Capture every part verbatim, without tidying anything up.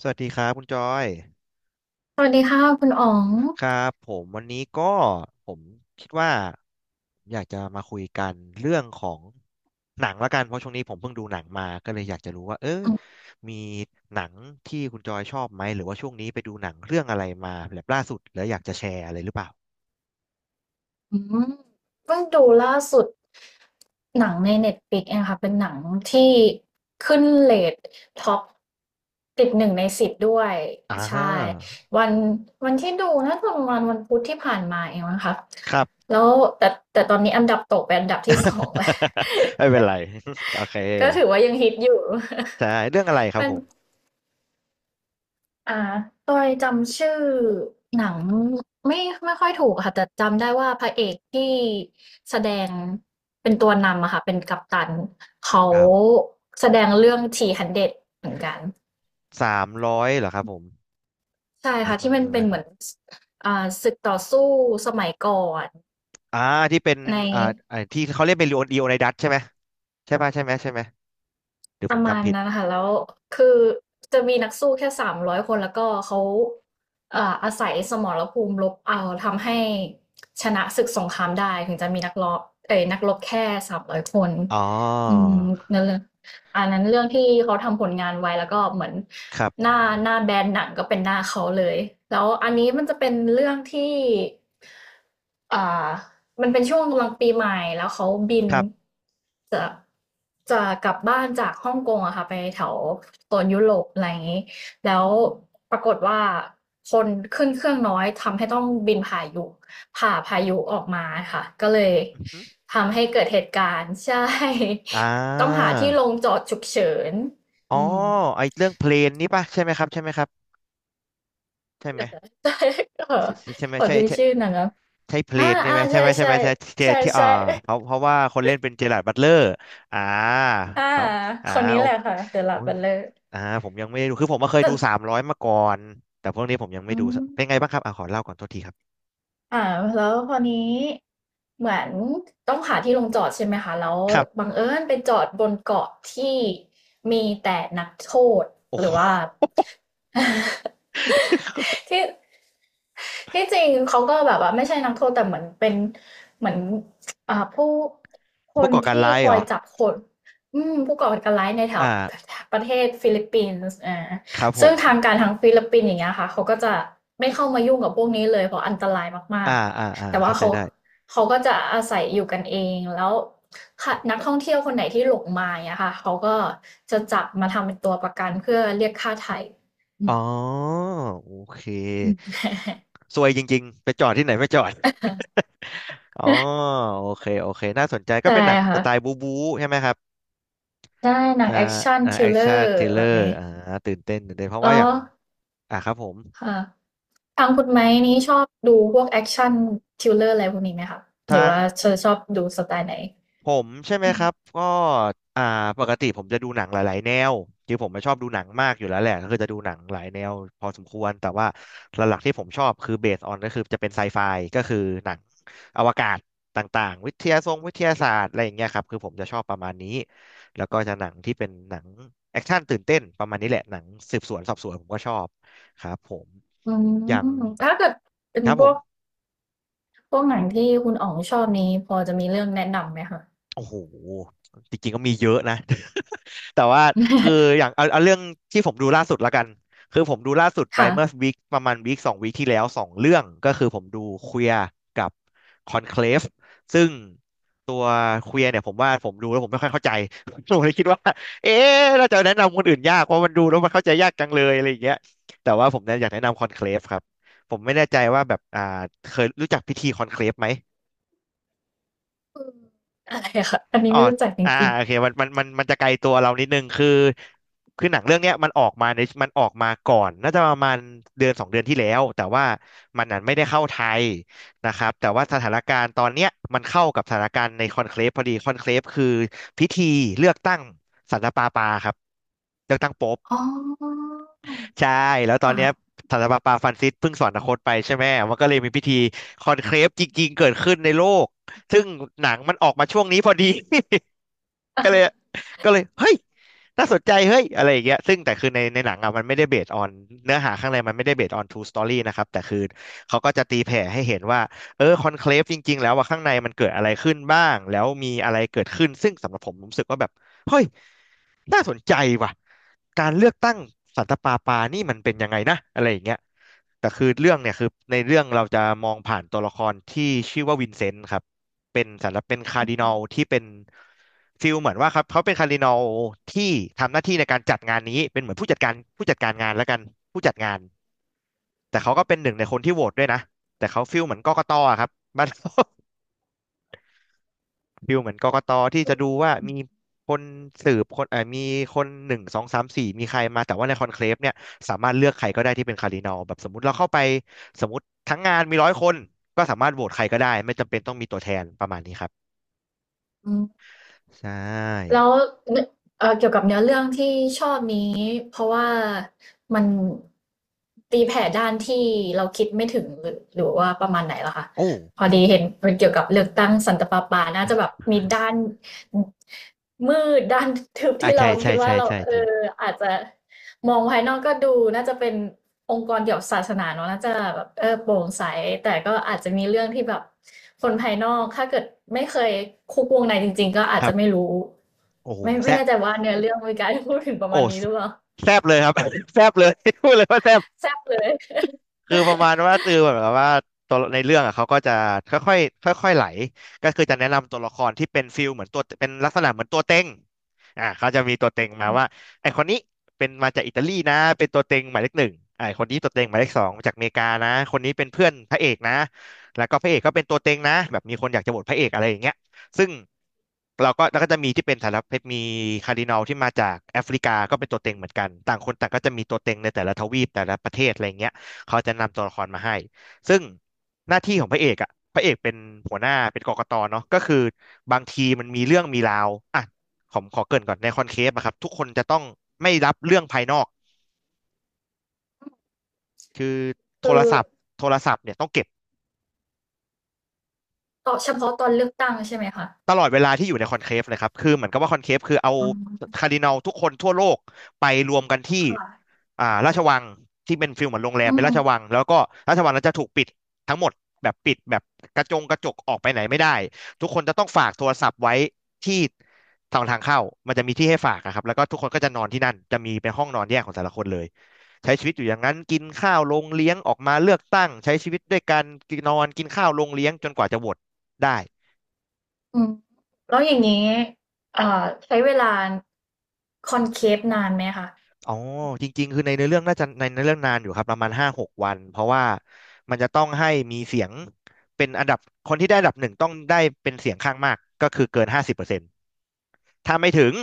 สวัสดีครับคุณจอยสวัสดีค่ะคุณอ๋องครับผมวันนี้ก็ผมคิดว่าผมอยากจะมาคุยกันเรื่องของหนังละกันเพราะช่วงนี้ผมเพิ่งดูหนังมาก็เลยอยากจะรู้ว่าเอ้ยมีหนังที่คุณจอยชอบไหมหรือว่าช่วงนี้ไปดูหนังเรื่องอะไรมาแบบล่าสุดแล้วอยากจะแชร์อะไรหรือเปล่าอืมเพิ่งดูล่าสุดหนังในเน็ต l i ิกเองค่ะเป็นหนังที่ขึ้นเรทท็อปติดหนึ่งในสิบด้วยอ่ใช่าวันวันที่ดูน่าจะประมาณวันพุธที่ผ่านมาเองนะคะครับ แล้วแต่แต่ตอนนี้อันดับตกไปอันดับที่สอง แล้ว ไม่เป็นไร โอเคก็ถือว่ายังฮิตอยู่ ใช่เรื่องอะไรค รับมัน ผมอ่าโดยจำชื่อหนังไม่ไม่ค่อยถูกอะค่ะแต่จำได้ว่าพระเอกที่แสดงเป็นตัวนำอะค่ะเป็นกัปตันเขาครับแสดงเรื่องทีสามร้อยเดรดเหมือนกันสามร้อยเหรอครับผมใช่นะค่ะแป๊ที่บมันนึงเป็นนะ เหมือนอ่าศึกต่อสู้สมัยก่อนอ่าที่เป็นใน อ่าอ่าที่เขาเล่นเป็นลีโอนีโอไนดัสใช่ไหมใช่ป่ะใช่ไหมใช่ไหมหรือปผระมมาณจำผิดนั้นค่ะแล้วคือจะมีนักสู้แค่สามร้อยคนแล้วก็เขาเอ่ออาศัยสมรภูมิรบเอาทำให้ชนะศึกสงครามได้ถึงจะมีนักรบเอ่ยนักรบแค่สามร้อยคนอ๋ออืมนั่นเลยอันนั้นเรื่องที่เขาทำผลงานไว้แล้วก็เหมือนครัหน้าบหน้าแบรนด์หนังก็เป็นหน้าเขาเลยแล้วอันนี้มันจะเป็นเรื่องที่อ่า มันเป็นช่วงกำลังปีใหม่แล้วเขาบินครับจะจะกลับบ้านจากฮ่องกงอะค่ะไปแถวโซนยุโรปอะไรอย่างนี้แล้วปรากฏว่าคนขึ้นเครื่องน้อยทำให้ต้องบินผ่ายุผ่าพายุออกมาค่ะก็เลยอือฮึทำให้เกิดเหตุการณ์ใช่ อ่าต้องหาที่ลงจอดฉุกเฉินอ๋ออืมไอเรื่องเพลนนี่ป่ะใช่ไหมครับใช่ไหมครับใช่ไหเอมอ ใช่เออใช่ใช่ใช่ไหมขอใช่ดูใช่ชื่อหนังอ้ะใช่เพลอ่านนี่อ่าไหมใช่ใช่ไหมใช่ใช่ไหมใช่ที่ใช่ที่อ่าใช่ เพราะเพราะว่าคนเล่นเป็นเจอราร์ดบัตเลอร์อ่าอ่าเขาคอ่านนี้โอ้แหละค่ะ The โอ้ย Lavender อ่าผมยังไม่ได้ดูคือผมมาเคยดูแต่สามร้อยมาก่อนแต่พวกนี้ผมยังไม่อืดูมเป็นไงบ้างครับอ่ะขอเล่าก่อนโทษทีครับอ่าแล้วคราวนี้เหมือนต้องหาที่ลงจอดใช่ไหมคะแล้วครับับงเอิญไปจอดบนเกาะที่มีแต่นักโทษโอ้หโห รือว่า ที่ที่จริงเขาก็แบบว่าไม่ใช่นักโทษแต่เหมือนเป็นเหมือนอ่าผู้คผู้นก่อการที่ร้ายคเหอรยอจับคนอืมผู้ก่อการร้ายในแถอ่าวประเทศฟิลิปปินส์อ่าครับผซึ่งม ทางการทางฟิลิปปินส์อย่างเงี้ยค่ะเขาก็จะไม่เข้ามายุ่งกับพวกนี้เลยเพราะอันตรายมาอ่า กอ่า อ่า ๆแต่ว่าเข้าใจเขาได้ เขาก็จะอาศัยอยู่กันเองแล้วค่ะนักท่องเที่ยวคนไหนที่หลงมาอย่างเงี้ยค่ะเขาก็จะจับมาทำเป็นตัวประกันเพื่อเรียกค่าไถ่อือ๋อ มโอเคอืม ซวยจริงๆไปจอดที่ไหนไม่จอด อ๋อโอเค โอเค น่าสนใจ ก็ใช่เป็นหนังสค่ะไตล์บู๊บู๊ใช่ไหมครับได้หนังอ่าแอคชั่นอ่าทริแอลคเลอชั่นทร์ริลเลแบอบร์นี้อ่าตื่นเต้นตื่นเต้นเพราะแล้ว่าอย่าวง อ่าครับผม ค่ะทางคุณไม้นี้ชอบดูพวกแอคชั่นทริลเลอร์อะไรพวกนี้ไหมคะหรืทาอง ว่าเธอชอบดูสไตล์ไหนผมใช่ไหมครับก็อ่าปกติผมจะดูหนังหลายๆแนวคือผมไม่ชอบดูหนังมากอยู่แล้วแหละก็คือจะดูหนังหลายแนวพอสมควรแต่ว่าหลักๆที่ผมชอบคือเบสออนก็คือจะเป็นไซไฟก็คือหนังอวกาศต่างๆวิทยาทรงวิทยาศาสตร์อะไรอย่างเงี้ยครับคือผมจะชอบประมาณนี้แล้วก็จะหนังที่เป็นหนังแอคชั่นตื่นเต้นประมาณนี้แหละหนังสืบสวนสอบสวนผมก็ชอบครับผมอือย่างมถ้าเกิดเป็นครับพผวม กพวกหนังที่คุณอ๋องชอบนี้พอจะมีเรื่องแนะนำไหมคะ โอ้โหจริงๆก็มีเยอะนะ แต่ว่าคือ อย่างเอาเอาเรื่องที่ผมดูล่าสุดละกัน คือผมดูล่าสุดไปค่ะเมื่อวีคประมาณวีคสองวีคที่แล้วสองเรื่อง ก็คือผมดูเควียร์กับคอนเคลฟซึ่งตัวเควียร์เนี่ยผมว่าผมดูแล้วผมไม่ค่อยเข้าใจ ผมเลยคิดว่าเอ๊ะน่าจะแนะนำคนอื่นยากเพราะมันดูแล้วมันเข้าใจยากจังเลยอะไรอย่างเงี้ยแต่ว่าผมเนี่ยอยากแนะนำคอนเคลฟครับ ผมไม่แน่ใจว่าแบบอ่าเคยรู้จักพิธีคอนเคลฟไหม อืออะไรอะค่ะอันนี้อ๋อไม่รู้จักจอ่าริอ่างโอเคมันมันมันมันจะไกลตัวเรานิดนึงคือคือหนังเรื่องเนี้ยมันออกมาในมันออกมาก่อนน่าจะประมาณเดือนสองเดือนที่แล้วแต่ว่ามันนั้นไม่ได้เข้าไทยนะครับแต่ว่าสถานการณ์ตอนเนี้ยมันเข้ากับสถานการณ์ในคอนเคลฟพอดีคอนเคลฟคือพิธีเลือกตั้งสันตะปาปาครับเลือกตั้งโป๊ปๆอ๋อใช่แล้วตอนเนี้ค่ะ ยสันตะปาปาฟรานซิสเพิ่งสวรรคตไปใช่ไหมมันก็เลยมีพิธีคอนเคลฟจริงๆเกิดขึ้นในโลกซึ่งหนังมันออกมาช่วงนี้พอดี ก็เลยก็เลยเฮ้ยน่าสนใจเฮ้ยอะไรอย่างเงี้ยซึ่งแต่คือในในหนังอะมันไม่ได้เบสออนเนื้อหาข้างในมันไม่ได้เบสออน true story นะครับแต่คือเขาก็จะตีแผ่ให้เห็นว่าเออคอนเคลฟจริงๆแล้วว่าข้างในมันเกิดอะไรขึ้นบ้างแล้วมีอะไรเกิดขึ้นซึ่งสำหรับผมผมรู้สึกว่าแบบเฮ้ยน่าสนใจว่ะการเลือกตั้งสันตะปาปานี่มันเป็นยังไงนะอะไรอย่างเงี้ยแต่คือเรื่องเนี่ยคือในเรื่องเราจะมองผ่านตัวละครที่ชื่อว่าวินเซนต์ครับ เป็นสำหรบเป็นคาร์ดินัลที่เป็นฟิลเหมือนว่าครับเขาเป็นคาร์ดินัลที่ทำหน้าที่ในการจัดงานนี้เป็นเหมือนผู้จัดการผู้จัดการงานแล้วกันผู้จัดงานแต่เขาก็เป็นหนึ่งในคนที่โหวตด้วยนะแต่เขาฟิลเหมือนกกตอะครับ มัาน รฟิลเหมือนกกตที่จะดูว่ามี คนสืบคนเอ่อมีคนหนึ่งสองสามสี่มีใครมาแต่ว่าในคอนเคลฟเนี่ยสามารถเลือกใครก็ได้ที่เป็นคาร์ดินัลแบบสมมติเราเข้าไปสมมติทั้งงานมีร้อยคนก็สามารถโหวตใครก็ได้ไม่จำเป็นต้องมีตัวแทนประมาณนี้ครับอืม ใช่แล้วเอ่อเกี่ยวกับเนื้อเรื่องที่ชอบนี้เพราะว่ามันตีแผ่ด้านที่เราคิดไม่ถึงหรือหรือว่าประมาณไหนล่ะคะโอ้ พอดีเห็นมันเกี่ยวกับเลือกตั้งสันตะปาปาน่าจะแบบมีด้านมืดด้านทึบอ่าที่เราใช่ใช่คิดว่าใช่เราใช่เอใช่ออาจจะมองภายนอกก็ดูน่าจะเป็นองค์กรเกี่ยวกับศาสนาเนอะน่าจะแบบเออโปร่งใสแต่ก็อาจจะมีเรื่องที่แบบคนภายนอกถ้าเกิดไม่เคยคุกวงในจริงๆก็อาคจรัจะไม่บรู้ โอ้โหไม่แซไม่บแน่ใจว่าเนื้อเรื่องมีการพูดถึงประโอ้มาณนี้หรือเปล่า แซบเลยครับ แซบเลย พูดเลยว่าแซบ แซ่บเลยคือประมาณว่าตือเหมือนกับว่าตัวในเรื่องอ่ะเขาก็จะค่อยๆค่อยๆไหลก็คือจะแนะนำตัวละครที่เป็นฟิลเหมือนตัวเป็นลักษณะเหมือนตัวเต็งอ่าเขาจะมีตัวเต็งมาอืมว่าไอคนนี้เป็นมาจากอิตาลีนะเป็นตัวเต็งหมายเลขหนึ่งไอคนนี้ตัวเต็งหมายเลขสองมาจากอเมริกานะคนนี้เป็นเพื่อนพระเอกนะแล้วก็พระเอกก็เป็นตัวเต็งนะแบบมีคนอยากจะโหวตพระเอกอะไรอย่างเงี้ยซึ่งเราก็แล้วก็จะมีที่เป็นสารพัดมีคาร์ดินัลที่มาจากแอฟริกาก็เป็นตัวเต็งเหมือนกันต่างคนต่างก็จะมีตัวเต็งในแต่ละทวีปแต่ละประเทศอะไรเงี้ย เขาจะนำตัวละครมาให้ ซึ่งหน้าที่ของพระเอกอ่ะพระเอกเป็นหัวหน้าเป็นกกตเนาะก็คือบางทีมันมีเรื่องมีราวอ่ะผมขอเกริ่นก่อนในคอนเคปอะครับทุกคนจะต้องไม่รับเรื่องภายนอก คือโทคืรอศัพท์โทรศัพท์เนี่ยต้องเก็บตอเฉพาะตอนเลือกตั้งใช่ไหมคะตลอดเวลาที่อยู่ในคอนเคฟเลยครับคือเหมือนกับว่าคอนเคฟคือเอาอืมคาร์ดินัลทุกคนทั่วโลกไปรวมกันที่ ค่ะอ่าราชวังที่เป็นฟิลเหมือนโรงแรอืมเป็นราชวัมงแล้วก็ราชวังนั้นจะถูกปิดทั้งหมดแบบปิดแบบกระจงกระจกออกไปไหนไม่ได้ทุกคนจะต้องฝากโทรศัพท์ไว้ที่ทางทางเข้ามันจะมีที่ให้ฝากอะครับแล้วก็ทุกคนก็จะนอนที่นั่นจะมีเป็นห้องนอนแยกของแต่ละคนเลยใช้ชีวิตอยู่อย่างนั้นกินข้าวลงเลี้ยงออกมาเลือกตั้งใช้ชีวิตด้วยกันกินนอนกินข้าวลงเลี้ยงจนกว่าจะโหวตได้ อืมแล้วอย่างงี้เอ่อใช้เวลาคอนเคฟนานไหมคะอ๋อจริงๆคือในเนื้อเรื่องน่าจะในเนื้อเรื่องนานอยู่ครับประมาณห้าหกวันเพราะว่ามันจะต้องให้มีเสียงเป็นอันดับคนที่ได้อันดับหนึ่งต้องได้เป็นเสียงข้างมากก็คือเกินห้าสิบเปอร์เซ็นต์ถ้าไม่ถึง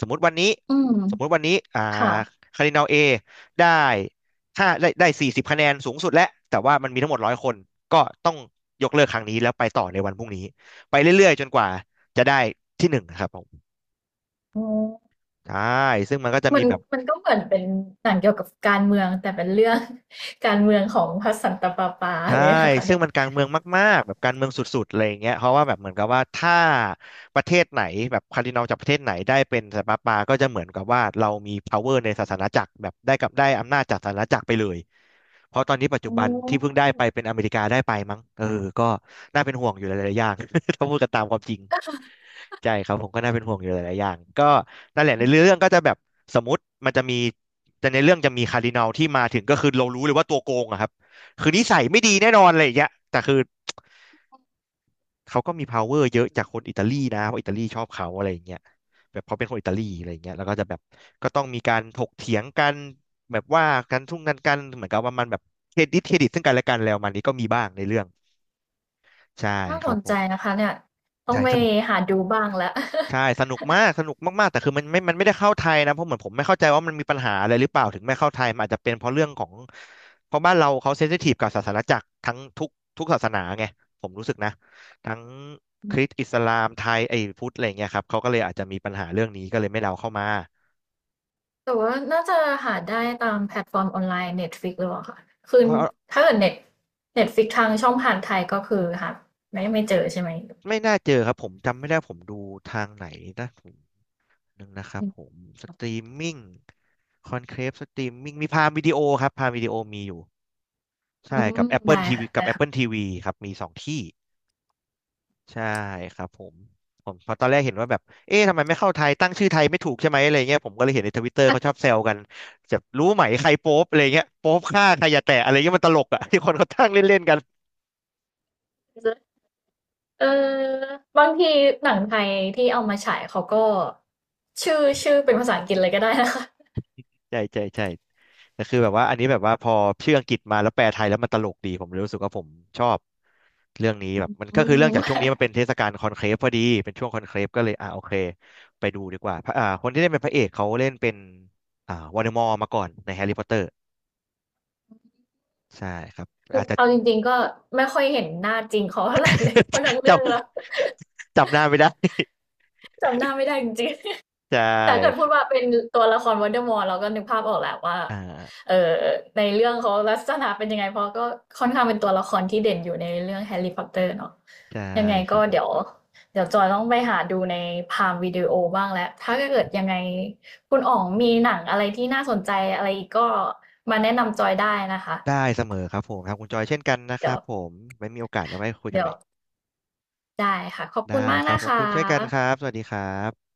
สมมุติวันนี้อืมสมมุติวันนี้อ่าค่ะคารดินัลเอได้ห้าได้ได้สี่สิบคะแนนสูงสุดแล้วแต่ว่ามันมีทั้งหมดร้อยคนก็ต้องยกเลิกครั้งนี้แล้วไปต่อในวันพรุ่งนี้ไปเรื่อยๆจนกว่าจะได้ที่หนึ่งนะครับผมอ๋อใช่ซึ่งมันก็จะมัมีนแบบ มันก็เหมือนเป็นหนังเกี่ยวกับการเมืองแต่เป็นเรื่อง การเมืองของพระสันตะปาปาใช่ เลยนะคะซึ่เนี่งยมันการเมืองมากๆแบบการเมืองสุดๆอะไรอย่างเงี้ยเพราะว่าแบบเหมือนกับว่าถ้าประเทศไหนแบบคาร์ดินัลจากประเทศไหนได้เป็นสันตะปาปก็จะเหมือนกับว่าเรามี power ในศาสนาจักรแบบได้กับได้อำนาจจากศาสนาจักรไปเลย เพราะตอนนี้ปัจจุอ๋บันที่เพิ่งอได้ไปเป็นอเมริกาได้ไปมั้งเออก็น่าเป็นห่วงอยู่หลายๆอย่าง ถ้าพูดกันตามความจริง ใช่ครับผมก็น่าเป็นห่วงอยู่หลายๆอย่างก็นั่นแหละในเรื่องก็จะแบบสมมติมันจะมีแต่ในเรื่องจะมีคาร์ดินัลที่มาถึงก็คือเรารู้เลยว่าตัวโกงอะครับคือนิสัยไม่ดีแน่นอนอะไรอย่างเงี้ยแต่คือเขาก็มี power เยอะจากคนอิตาลีนะเพราะอิตาลีชอบเขาอะไรอย่างเงี้ยแบบเขาเป็นคนอิตาลีอะไรอย่างเงี้ยแล้วก็จะแบบก็ต้องมีการถกเถียงกันแบบว่ากันทุ่งกันกันเหมือนกับว่ามันแบบเครดิตเครดิตซึ่งกันและกันแล้วมันนี้ก็มีบ้างในเรื่องใช่น่าคสรับนผใจมนะคะเนี่ยต้องไปใช่ หาดูบ้างแล้ว ใช่สนุกมากสนุกมากๆแต่คือมันไม่มันไม่ได้เข้าไทยนะเพราะเหมือนผมไม่เข้าใจว่ามันมีปัญหาอะไรหรือเปล่าถึงไม่เข้าไทยมันอาจจะเป็นเพราะเรื่องของเพราะบ้านเราเขาเซนซิทีฟกับศาสนาจักรทั้งทุกทุกศาสนาไงผมรู้สึกนะทั้งคริสต์อิสลามไทยไอ้พุทธอะไรเงี้ยครับเขาก็เลยอาจจะมีปัญหาเรื่องนี้ก็เลยไม่ได้เอาเข้ามาแต่ว่าน่าจะหาได้ตามแพลตฟอร์มออนไลน์ Netflix หรือเปล่าคะคือเออถ้าเกิดเน็ต Netflix ทางช่องผ่านไทยก็คือหาไม่ไม่เจอใช่ไหมไม่น่าเจอครับผมจำไม่ได้ผมดูทางไหนนะผมนึงนะครับผมสตรีมมิ่งคอนเคลฟสตรีมมิ่งมีพามวิดีโอครับพามวิดีโอมีอยู่ อืใช่มกับ ได้ Apple ที วี ค่ะกัได้บ ค่ะ Apple ทีวีครับมีสองที่ใช่ครับผมผมเพอตอนแรกเห็นว่าแบบเอ๊ะทำไมไม่เข้าไทยตั้งชื่อไทยไม่ถูกใช่ไหมอะไรเงี้ยผมก็เลยเห็นในทวิตเตอร์เขาชอบแซวกันจะรู้ไหมใครโป๊ปอะไรเงี้ยโป๊ปฆ่าใครอย่าแตะอะไรเงี้ยมันตลกอ่ะ ที่คนเขาตั้งเล่นๆกัน เออบางทีหนังไทยที่เอามาฉายเขาก็ชื่อชื่อเป็นภาษาอังกฤษเลยก็ได้นะคะใช่ใช่ใช่แต่คือแบบว่าอันนี้แบบว่าพอชื่ออังกฤษมาแล้วแปลไทยแล้วมันตลกดีผมเลยรู้สึกว่าผมชอบเรื่องนี้แบบมันอืก็คือเรื่องจามกช่วงนี้มันเป็นเทศกาลคอนเคลฟพอดีเป็นช่วงคอนเคลฟก็เลยอ่าโอเคไปดูดีกว่าพระอ่าคนที่เล่นเป็นพระเอกเขาเล่นเป็นอ่าวอลเดมอร์มาก่อนในแฮร์รี่พอตเตอร์ใช่ครับอาจจะ เอาจริงๆก็ไม่ค่อยเห็นหน้าจริงเขาเท่าไหร่เลยเพราะทั้ง จเรื่องแล้วำจำหน้าไม่ได้จำหน้าไม่ได้จริง ใชแต่เกิดพู่ดว่าเป็นตัวละครว o นเดอร์มอร์เราก็นึกภาพออกแหละว่าอ่าเอ่อในเรื่องเขาลักษณะเป็นยังไงเพราะก็ค่อนข้างเป็นตัวละครที่เด่นอยู่ในเรื่องแฮร์รี่พอตเตอร์เนาะใช่ยังไงครัก็บผมเดี๋ยวเดี๋ยวจอยต้องไปหาดูในพามวิดีโอบ้างแล้วถ้าเกิดยังไงคุณอ๋องมีหนังอะไรที่น่าสนใจอะไรอีกก็มาแนะนำจอยได้นะคะได้เสมอครับผมครับคุณจอยเช่นกันนะคเดี๋ยรัวบผมไม่มีโอกาสแล้วไว้คุยกันเดี๋ยใหวม่ ได้ค่ะขอบคุณได้มากครับนะขคอบคุณเช่นกันครัะบสวัสดีครับ